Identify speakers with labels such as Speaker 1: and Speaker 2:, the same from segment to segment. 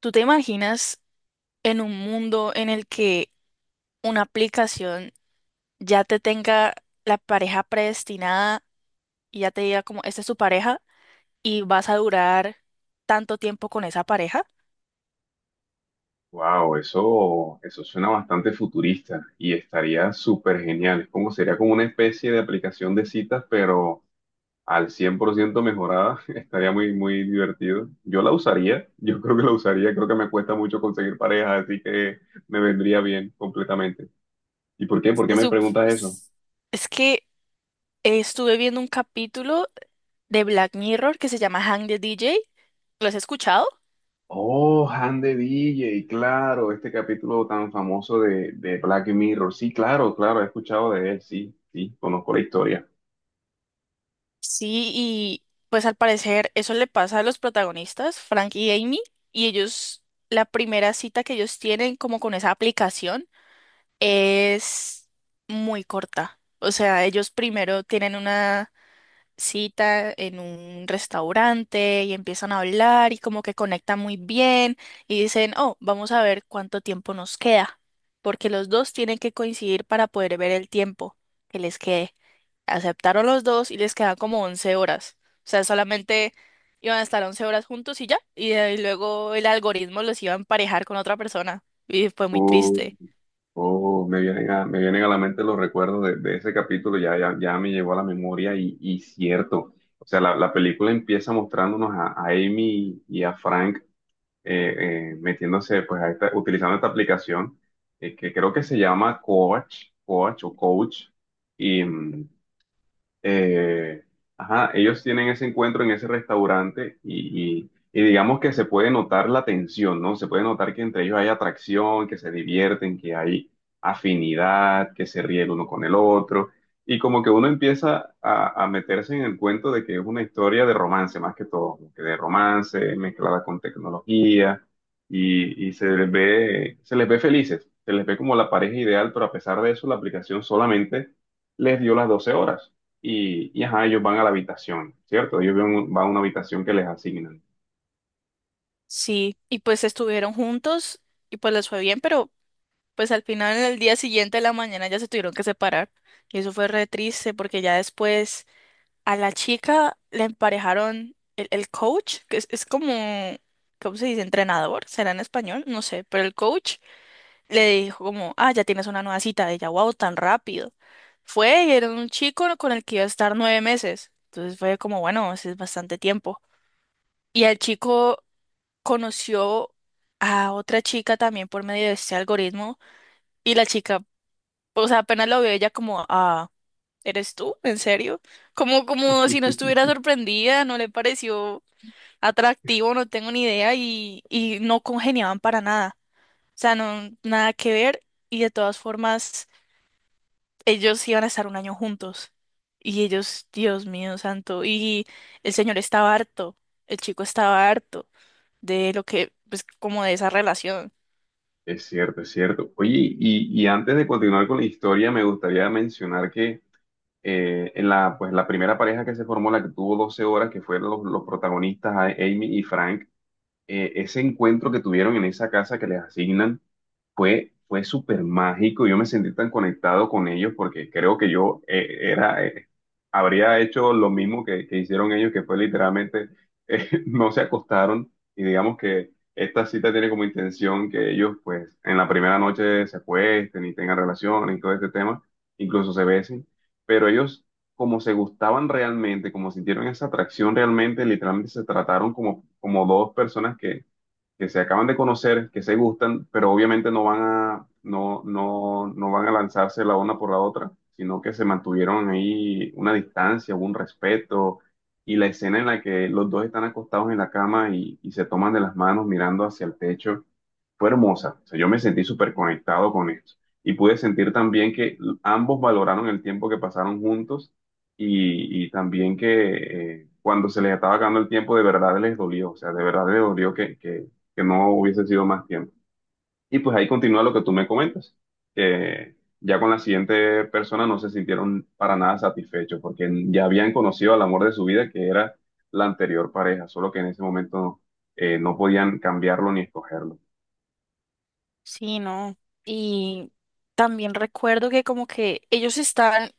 Speaker 1: ¿Tú te imaginas en un mundo en el que una aplicación ya te tenga la pareja predestinada y ya te diga como, esta es tu pareja y vas a durar tanto tiempo con esa pareja?
Speaker 2: Wow, eso suena bastante futurista y estaría súper genial. Es como sería como una especie de aplicación de citas, pero al 100% mejorada. Estaría muy divertido. Yo la usaría, yo creo que la usaría. Creo que me cuesta mucho conseguir pareja, así que me vendría bien completamente. ¿Y por qué? ¿Por qué
Speaker 1: Se
Speaker 2: me
Speaker 1: sup-
Speaker 2: preguntas eso?
Speaker 1: s- Es que estuve viendo un capítulo de Black Mirror que se llama Hang the DJ. ¿Lo has escuchado?
Speaker 2: Oh, Han de DJ, claro, este capítulo tan famoso de Black Mirror. Sí, claro, claro, he escuchado de él, sí, sí, conozco la historia.
Speaker 1: Sí, y pues al parecer eso le pasa a los protagonistas, Frank y Amy, y ellos, la primera cita que ellos tienen como con esa aplicación es muy corta. O sea, ellos primero tienen una cita en un restaurante y empiezan a hablar y como que conectan muy bien y dicen, oh, vamos a ver cuánto tiempo nos queda, porque los dos tienen que coincidir para poder ver el tiempo que les quede. Aceptaron los dos y les quedan como 11 horas. O sea, solamente iban a estar 11 horas juntos y ya, y de ahí luego el algoritmo los iba a emparejar con otra persona y fue muy triste.
Speaker 2: Oh, me vienen a la mente los recuerdos de ese capítulo, ya me llegó a la memoria y cierto, o sea, la película empieza mostrándonos a Amy y a Frank metiéndose, pues, utilizando esta aplicación que creo que se llama Coach, eh, ajá, ellos tienen ese encuentro en ese restaurante y digamos que se puede notar la tensión, ¿no? Se puede notar que entre ellos hay atracción, que se divierten, que hay afinidad, que se ríe el uno con el otro. Y como que uno empieza a meterse en el cuento de que es una historia de romance, más que todo, como que de romance mezclada con tecnología y se les ve felices, se les ve como la pareja ideal, pero a pesar de eso, la aplicación solamente les dio las 12 horas ajá, ellos van a la habitación, ¿cierto? Ellos van a una habitación que les asignan.
Speaker 1: Sí, y pues estuvieron juntos y pues les fue bien, pero pues al final en el día siguiente de la mañana ya se tuvieron que separar. Y eso fue re triste porque ya después a la chica le emparejaron el coach, que es como, ¿cómo se dice? Entrenador, será en español, no sé, pero el coach le dijo como, ah, ya tienes una nueva cita, ella, wow, tan rápido. Fue y era un chico con el que iba a estar 9 meses. Entonces fue como, bueno, ese es bastante tiempo. Y al chico conoció a otra chica también por medio de este algoritmo y la chica, o sea, apenas lo vio ella como, ah, ¿eres tú? ¿En serio? Como, como si no estuviera sorprendida, no le pareció atractivo, no tengo ni idea y no congeniaban para nada. O sea, no, nada que ver y de todas formas ellos iban a estar un año juntos. Y ellos, Dios mío santo, y el señor estaba harto, el chico estaba harto de lo que, pues como de esa relación.
Speaker 2: Es cierto, es cierto. Oye, y antes de continuar con la historia, me gustaría mencionar que en la, pues, la primera pareja que se formó, la que tuvo 12 horas, que fueron los protagonistas, Amy y Frank, ese encuentro que tuvieron en esa casa que les asignan fue, fue súper mágico. Yo me sentí tan conectado con ellos porque creo que yo habría hecho lo mismo que hicieron ellos, que fue literalmente, no se acostaron y digamos que esta cita tiene como intención que ellos pues en la primera noche se acuesten y tengan relaciones y todo este tema, incluso se besen, pero ellos como se gustaban realmente, como sintieron esa atracción realmente, literalmente se trataron como, como dos personas que se acaban de conocer, que se gustan, pero obviamente no van a lanzarse la una por la otra, sino que se mantuvieron ahí una distancia, un respeto, y la escena en la que los dos están acostados en la cama y se toman de las manos mirando hacia el techo fue hermosa. O sea, yo me sentí súper conectado con esto. Y pude sentir también que ambos valoraron el tiempo que pasaron juntos y también que cuando se les estaba acabando el tiempo, de verdad les dolió. O sea, de verdad les dolió que no hubiese sido más tiempo. Y pues ahí continúa lo que tú me comentas, que ya con la siguiente persona no se sintieron para nada satisfechos porque ya habían conocido al amor de su vida, que era la anterior pareja, solo que en ese momento no podían cambiarlo ni escogerlo.
Speaker 1: Sí, no. Y también recuerdo que como que ellos están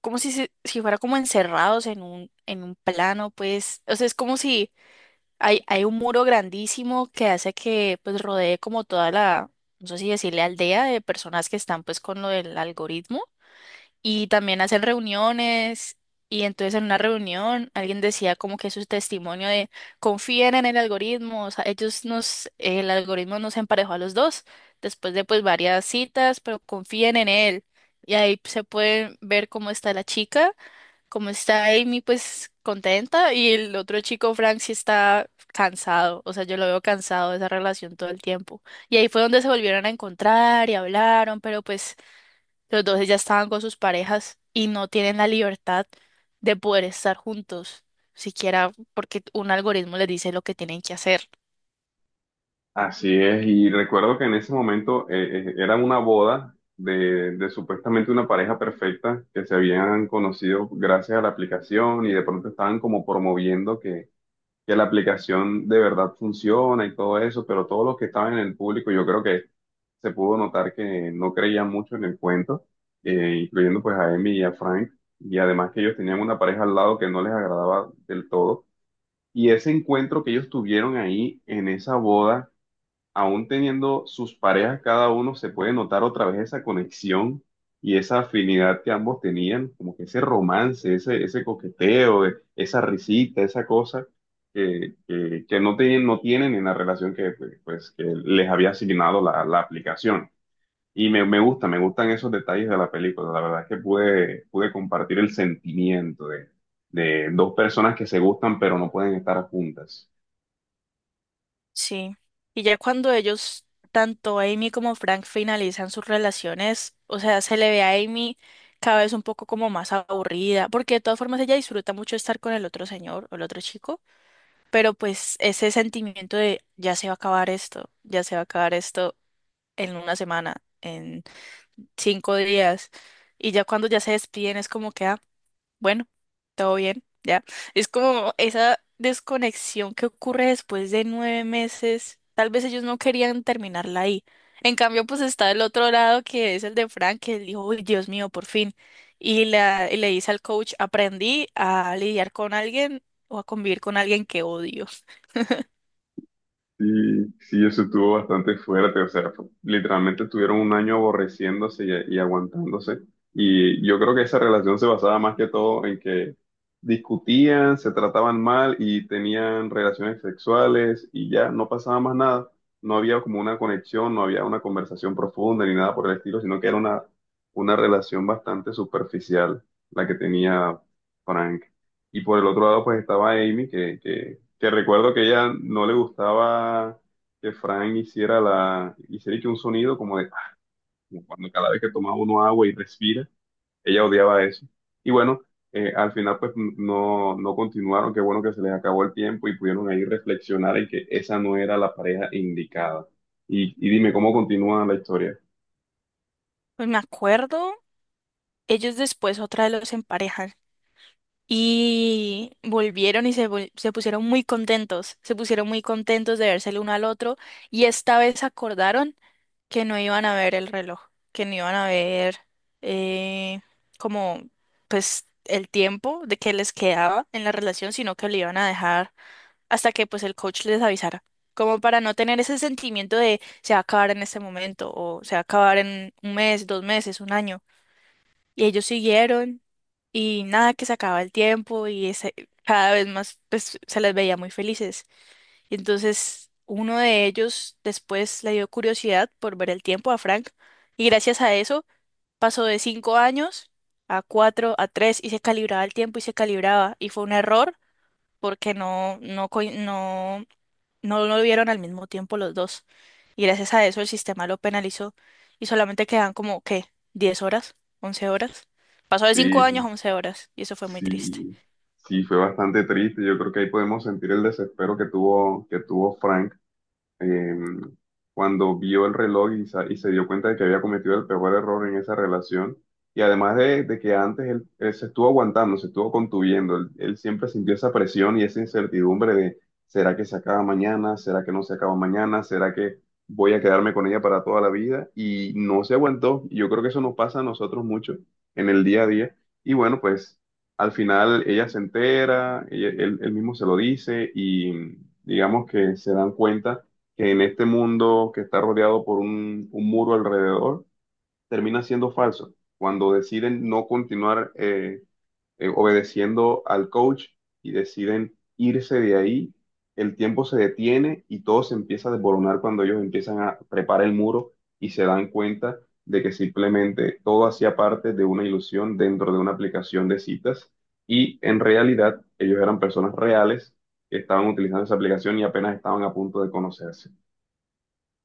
Speaker 1: como si, si fuera como encerrados en un plano, pues, o sea, es como si hay un muro grandísimo que hace que pues rodee como toda la, no sé si decirle aldea de personas que están pues con lo del algoritmo y también hacen reuniones y entonces en una reunión alguien decía como que su testimonio de confíen en el algoritmo, o sea, ellos nos, el algoritmo nos emparejó a los dos después de pues varias citas, pero confíen en él y ahí se puede ver cómo está la chica, cómo está Amy pues contenta y el otro chico Frank sí está cansado, o sea, yo lo veo cansado de esa relación todo el tiempo. Y ahí fue donde se volvieron a encontrar y hablaron, pero pues los dos ya estaban con sus parejas y no tienen la libertad de poder estar juntos, siquiera porque un algoritmo les dice lo que tienen que hacer.
Speaker 2: Así es, y recuerdo que en ese momento era una boda de supuestamente una pareja perfecta que se habían conocido gracias a la aplicación y de pronto estaban como promoviendo que la aplicación de verdad funciona y todo eso, pero todos los que estaban en el público yo creo que se pudo notar que no creían mucho en el cuento, incluyendo pues a Emi y a Frank, y además que ellos tenían una pareja al lado que no les agradaba del todo. Y ese encuentro que ellos tuvieron ahí en esa boda aún teniendo sus parejas cada uno, se puede notar otra vez esa conexión y esa afinidad que ambos tenían, como que ese romance, ese coqueteo, esa risita, esa cosa que no tienen, no tienen en la relación que, pues, que les había asignado la aplicación. Me gusta, me gustan esos detalles de la película. La verdad es que pude compartir el sentimiento de dos personas que se gustan pero no pueden estar juntas.
Speaker 1: Sí. Y ya cuando ellos, tanto Amy como Frank, finalizan sus relaciones, o sea, se le ve a Amy cada vez un poco como más aburrida, porque de todas formas ella disfruta mucho estar con el otro señor o el otro chico, pero pues ese sentimiento de ya se va a acabar esto, ya se va a acabar esto en una semana, en 5 días. Y ya cuando ya se despiden es como que, ah, bueno, todo bien, ya. Es como esa desconexión que ocurre después de 9 meses. Tal vez ellos no querían terminarla ahí. En cambio, pues está el otro lado que es el de Frank, que él dijo, uy, Dios mío, por fin. Y, la, y le dice al coach, aprendí a lidiar con alguien o a convivir con alguien que odio.
Speaker 2: Sí, sí, eso estuvo bastante fuerte, o sea, literalmente estuvieron un año aborreciéndose y aguantándose. Y yo creo que esa relación se basaba más que todo en que discutían, se trataban mal y tenían relaciones sexuales y ya no pasaba más nada. No había como una conexión, no había una conversación profunda ni nada por el estilo, sino que era una relación bastante superficial la que tenía Frank. Y por el otro lado, pues estaba Amy, que recuerdo que ella no le gustaba que Frank hiciera hiciera que un sonido como de, ah, como cuando cada vez que tomaba uno agua y respira, ella odiaba eso. Y bueno, al final pues no continuaron, qué bueno que se les acabó el tiempo y pudieron ahí reflexionar en que esa no era la pareja indicada. Y dime, ¿cómo continúa la historia?
Speaker 1: Pues me acuerdo, ellos después otra vez los emparejan. Y volvieron y se, se pusieron muy contentos, se pusieron muy contentos de verse el uno al otro y esta vez acordaron que no iban a ver el reloj, que no iban a ver eh, como pues el tiempo de que les quedaba en la relación, sino que lo iban a dejar hasta que pues el coach les avisara, como para no tener ese sentimiento de se va a acabar en este momento o se va a acabar en un mes, dos meses, un año. Y ellos siguieron y nada, que se acababa el tiempo y cada vez más pues, se les veía muy felices. Y entonces uno de ellos después le dio curiosidad por ver el tiempo a Frank y gracias a eso pasó de 5 años a cuatro, a tres y se calibraba el tiempo y se calibraba. Y fue un error porque no, no, no, no lo vieron al mismo tiempo los dos. Y gracias a eso el sistema lo penalizó y solamente quedan como, ¿qué? ¿10 horas? ¿11 horas? Pasó de 5
Speaker 2: Sí,
Speaker 1: años a 11 horas y eso fue muy triste.
Speaker 2: sí, sí, fue bastante triste. Yo creo que ahí podemos sentir el desespero que tuvo Frank eh, cuando vio el reloj y y se dio cuenta de que había cometido el peor error en esa relación. Y además de que antes él se estuvo aguantando, se estuvo contuyendo, él siempre sintió esa presión y esa incertidumbre de, ¿será que se acaba mañana? ¿Será que no se acaba mañana? ¿Será que voy a quedarme con ella para toda la vida? Y no se aguantó. Y yo creo que eso nos pasa a nosotros mucho en el día a día. Y bueno, pues al final ella se entera, él mismo se lo dice y digamos que se dan cuenta que en este mundo que está rodeado por un muro alrededor, termina siendo falso. Cuando deciden no continuar obedeciendo al coach y deciden irse de ahí, el tiempo se detiene y todo se empieza a desboronar cuando ellos empiezan a preparar el muro y se dan cuenta de que simplemente todo hacía parte de una ilusión dentro de una aplicación de citas y en realidad ellos eran personas reales que estaban utilizando esa aplicación y apenas estaban a punto de conocerse.